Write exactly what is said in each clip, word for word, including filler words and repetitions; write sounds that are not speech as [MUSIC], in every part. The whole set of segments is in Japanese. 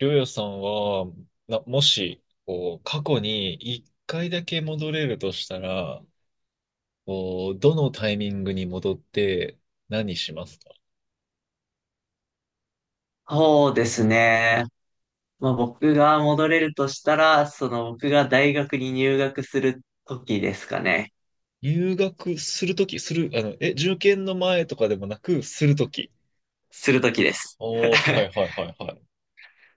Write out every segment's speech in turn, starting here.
りょうやさんは、な、もし、こう、過去に一回だけ戻れるとしたら、こう、どのタイミングに戻って何しますか？そうですね。まあ、僕が戻れるとしたら、その僕が大学に入学する時ですかね。入学するとき、する、あの、え、受験の前とかでもなく、するとき。する時です。おー、はい [LAUGHS] はいはいはい。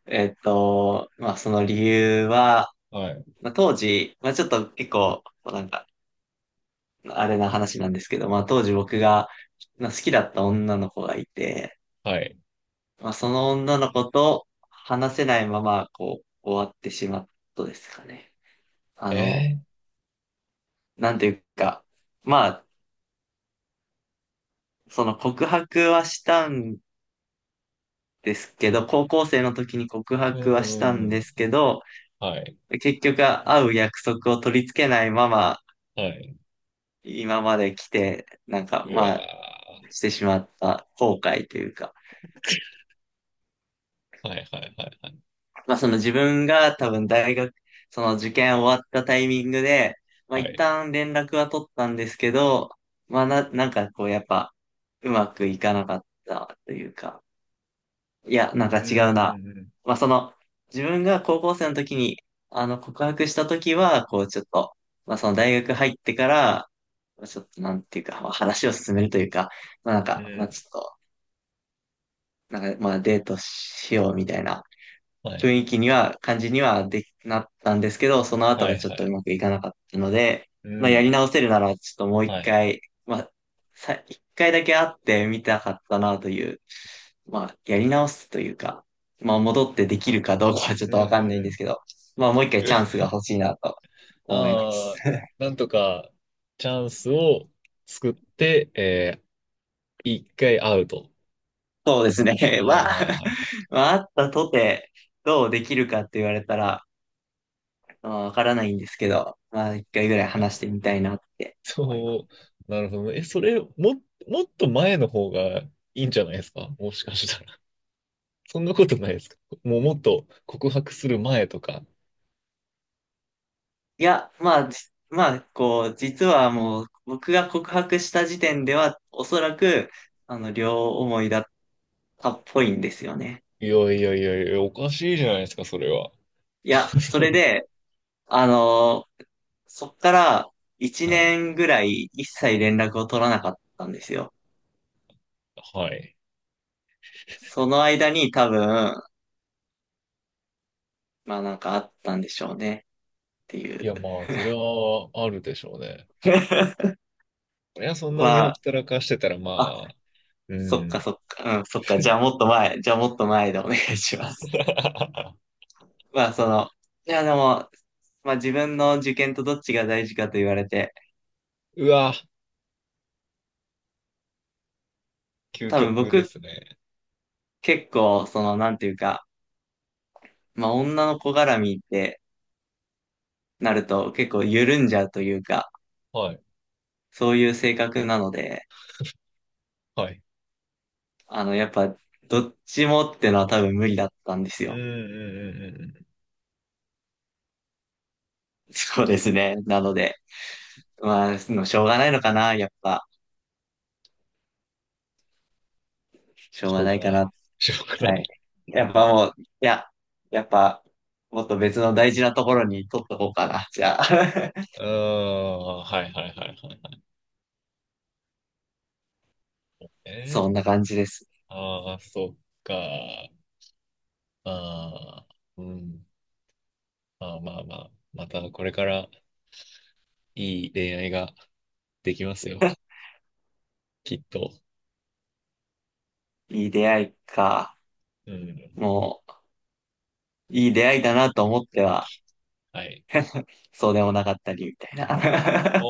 えっと、まあ、その理由は、はい、まあ、当時、まあ、ちょっと結構、なんか、あれな話なんですけど、まあ、当時僕が、まあ、好きだった女の子がいて、はい。まあ、その女の子と話せないまま、こう、終わってしまったですかね。あの、えなんていうか、まあ、その告白はしたんですけど、高校生の時に告ー、う白はしたんうんうんでん。すけど、はい、結局会う約束を取り付けないまま、はい。今まで来て、なんか、うまあ、わしてしまった後悔というか、ー。はいはいはいはい。まあ、その自分が多分大学、その受験終わったタイミングで、まあ、は一い。旦連絡は取ったんですけど、まあ、な、なんかこう、やっぱ、うまくいかなかったというか、いや、なんうかん違うな。うんまあ、その、自分が高校生の時に、あの、告白した時は、こう、ちょっと、まあ、その大学入ってから、まあちょっと、なんていうか、まあ、話を進めるというか、まあ、なんうん。か、うまあ、ん。ちょっと、なんか、まあ、デートしようみたいなはい、雰囲気には、感じにはできなったんですけど、その後はがいちょっはとうい。まくいかなかったので、うまあ、やん。り直せるなら、ちょっともう一はい。回、まあ、さ、一回だけ会ってみたかったなという、まあ、やり直すというか、まあ、戻ってできるかどうかはちょっうんとわかんうないんでんすけど、まあ、もう一回うん。チャン [LAUGHS] スが欲しいなと思います。ああ、なんとかチャンスを作って、えー、一回アウト。そうですね。[LAUGHS] はいまあ、はいはいはい。まあ、あったとて、どうできるか。そう、なるほどね。え、それ、も、もっと前の方がいいんじゃないですかもしかしたら。そんなことないですか？もうもっと告白する前とか。いや、まあ、じまあ、こう、実はもう、僕が告白した時点では、おそらく、あの、両思いだったっぽいんですよね。いやいやいやいや、おかしいじゃないですか、それは。いや、それ [LAUGHS] で、あのーそっから1はい。年ぐらい一切連絡を取らなかったんですよ。はい。その間に多分、まあなんかあったんでしょうねっていいう。や、まあ、それはあるでしょうね。[LAUGHS] いや、そんなにほまあ、ったらかしてたら、あ、まあ、うそっかん。そっか、うん、そっか、じゃあもっと前、じゃあもっと前でお願いします。[LAUGHS] まあ、その、いや、でも、まあ自分の受験とどっちが大事かと言われて、うわ、究多分極で僕すね。結構、その、なんていうか、まあ女の子絡みってなると結構緩んじゃうというか、はい。そういう性格なので、はい。あの、やっぱ、どっちもってのは多分無理だったんですうんうよ。んうんうんうん。そうですね。なので、まあ、そのしょうがないのかな、やっぱ、しょしうがょうながいかない。な。[LAUGHS] しょうがなはい。い。やっぱもう、いや、やっぱ、もっと別の大事なところに取っとこうかな、じゃあ。[LAUGHS] [LAUGHS] うーん。はいはいはいはいはい。えそんー、な感じです。ああ、そっか。ああ、うん。まあまあまあ。またこれからいい恋愛ができますよ。きっと。いい出会いか。うん。もう、いい出会いだなと思っては、はい。そうでもなかったり、みたいあな。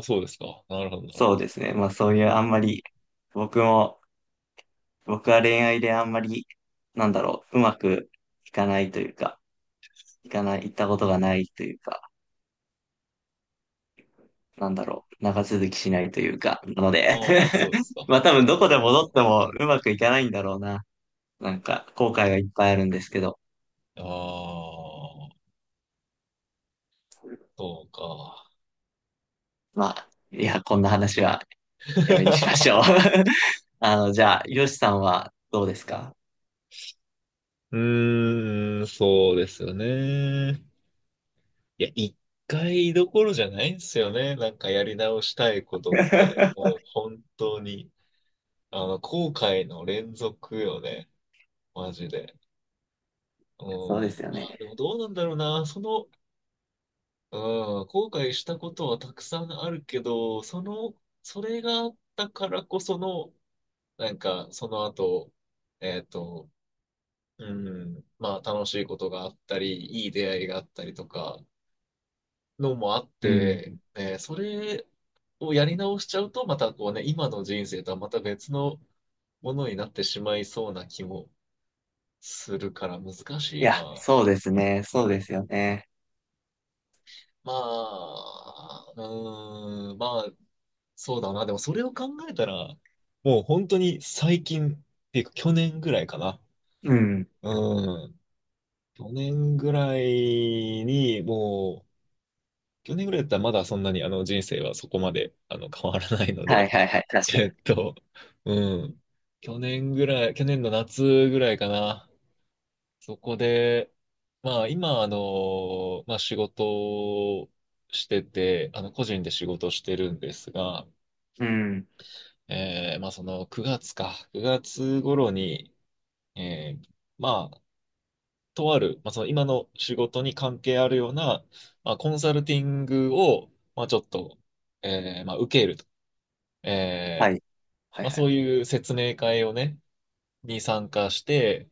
あ、そうですか。なるほど [LAUGHS] なるそうですね。まあそういうあんまほり、僕も、僕は恋愛であんまり、なんだろう、うまくいかないというか、いかない、行ったことがないというか、なんだろう、長続きしないというか、なので。 ど。ああ、[LAUGHS] そうですか。まあ多分どこでそう、戻そうっでてすもね。うまくいかないんだろうな。なんか、後悔がいっぱいあるんですけど、ああ、そうか。まあ、いや、こんな話はやめにしましょう。 [LAUGHS] あの、じゃあ、よしさんはどうですか？ うーん、そうですよね。いや、一回どころじゃないんですよね。なんかやり直したいことって、[LAUGHS] もう本当に、あの、後悔の連続よね。マジで。うん。そうですよまあ、ね。でもどうなんだろうな。その、うん、後悔したことはたくさんあるけど、その、それがあったからこその、なんか、その後、えっと、うん、まあ、楽しいことがあったり、いい出会いがあったりとか、のもあっうて、ん。えーそれをやり直しちゃうと、またこうね、今の人生とはまた別のものになってしまいそうな気もするから難いしいや、な。そうですね。そうですよね。まあ、うーん、まあ、そうだな。でもそれを考えたら、もう本当に最近っていうか去年ぐらいかな。うん。うん。去年ぐらいに、もう、去年ぐらいだったらまだそんなにあの人生はそこまであの変わらないのはで、いはいはい。[LAUGHS] 確かえに。っと、うん。去年ぐらい、去年の夏ぐらいかな。そこで、まあ今、あの、まあ仕事をしてて、あの個人で仕事してるんですが、うん。えーまあそのくがつか、くがつ頃に、えーまあ、とある、まあその今の仕事に関係あるような、まあコンサルティングを、まあちょっと、えーまあ受けると。はえーい。はいまあはそい。ういう説明会をね、に参加して、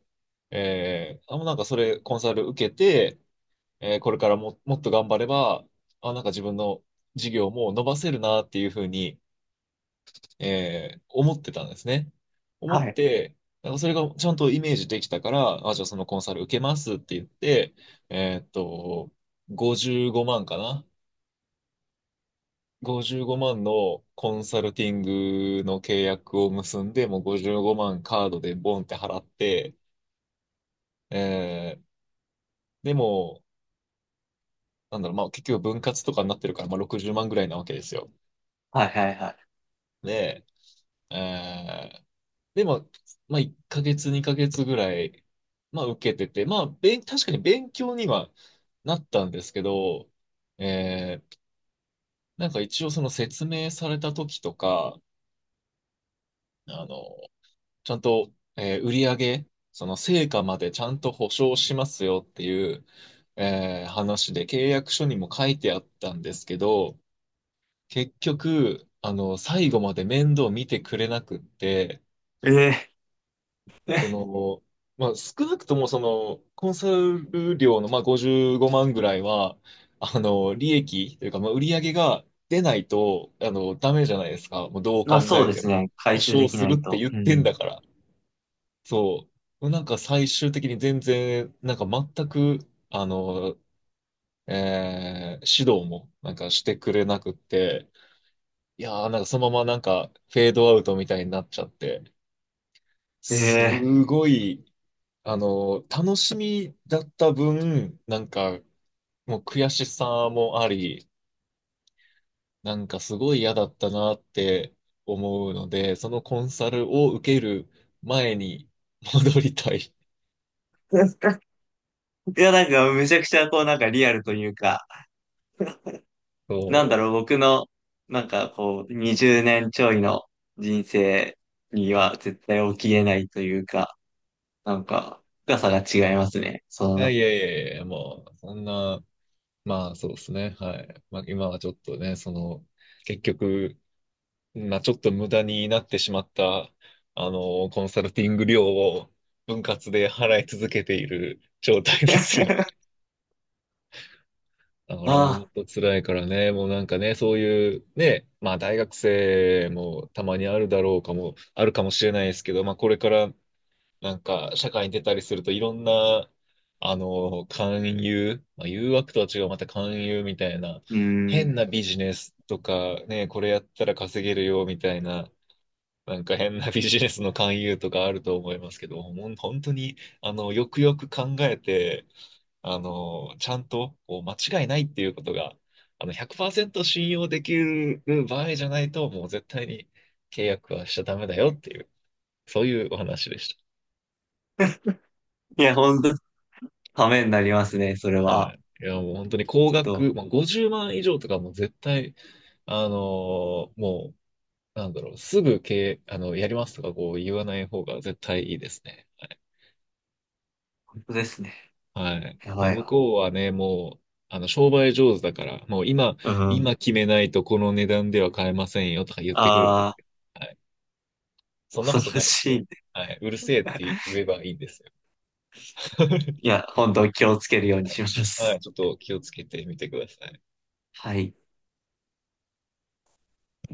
えー、あ、もうなんかそれコンサル受けて、えー、これからも、もっと頑張れば、あ、なんか自分の事業も伸ばせるなっていうふうに、えー、思ってたんですね。思っはい。て、なんかそれがちゃんとイメージできたから、あ、じゃあそのコンサル受けますって言って、えーっと、ごじゅうごまんかな。ごじゅうごまんのコンサルティングの契約を結んで、もうごじゅうごまんカードでボンって払って、えーでも、なんだろう、まあ結局分割とかになってるから、まあろくじゅうまんぐらいなわけですよ。はいはいはで、えー、で、まあ、まあいっかげつ、にかげつぐらい、まあ受けてて、まあ、べん、確かに勉強にはなったんですけど、えー、なんか一応その説明された時とか、あの、ちゃんと、えー売り上げ、その成果までちゃんと保証しますよっていう、えー話で契約書にも書いてあったんですけど、結局、あの、最後まで面倒見てくれなくって、い。えええ。 その、まあ、少なくともその、コンサル料の、まあ、ごじゅうごまんぐらいは、あの、利益というか、まあ、売り上げが出ないと、あの、ダメじゃないですか。もうど [LAUGHS] うまあ考そうえでてすも。ね。保回収証できすなるっいてと。言っうてんん。だから。そう。なんか最終的に全然、なんか全く、あの、えー指導もなんかしてくれなくって、いやー、なんかそのままなんかフェードアウトみたいになっちゃって、えすえ。 ごい、あの楽しみだった分、なんかもう悔しさもあり、なんかすごい嫌だったなって思うので、そのコンサルを受ける前に戻りたい。[LAUGHS] [LAUGHS] いや、なんか、めちゃくちゃ、こう、なんかリアルというか、なんそだろう、僕の、なんか、こう、にじゅうねんちょいの人生には絶対起きれないというか、なんか、深さが違いますね。う。そいやいの、やいやいや、もう、そんな、まあそうですね。はい。まあ今はちょっとね、その、結局、まあ、ちょっと無駄になってしまった、あの、コンサルティング料を分割で払い続けている状態ですよ。[LAUGHS] だからあ本あ、当辛いからね、もうなんかね、そういうね、まあ大学生もたまにあるだろうかも、あるかもしれないですけど、まあこれからなんか社会に出たりするといろんな、あの、勧誘、まあ誘惑とは違う、また勧誘みたいな、うー変ん。なビジネスとかね、これやったら稼げるよみたいな、なんか変なビジネスの勧誘とかあると思いますけど、ほん本当に、あの、よくよく考えて、あの、ちゃんとこう間違いないっていうことが、あの、ひゃくパーセント信用できる場合じゃないと、もう絶対に契約はしちゃダメだよっていう、そういうお話でしいや、ほんと、ためになりますね、それた。はは。い。いや、もう本当に高ちょっと、額、まあ、ごじゅうまん以上とかもう絶対、あのーもう、なんだろう、すぐ契、あの、やりますとかこう言わない方が絶対いいですね。本当ですね。はい。やもばうい向わ。こうはね、もう、あの、商売上手だから、もう今、うん。今決めないとこの値段では買えませんよとか言ってくるんであすけど、はい。あ、そんな恐ことろないんしで、い。はい。うるせえって言えばいいんですよ。[LAUGHS] いや、本当気をつけるようにしまはい。す。ちょっと気をつけてみてください。はい。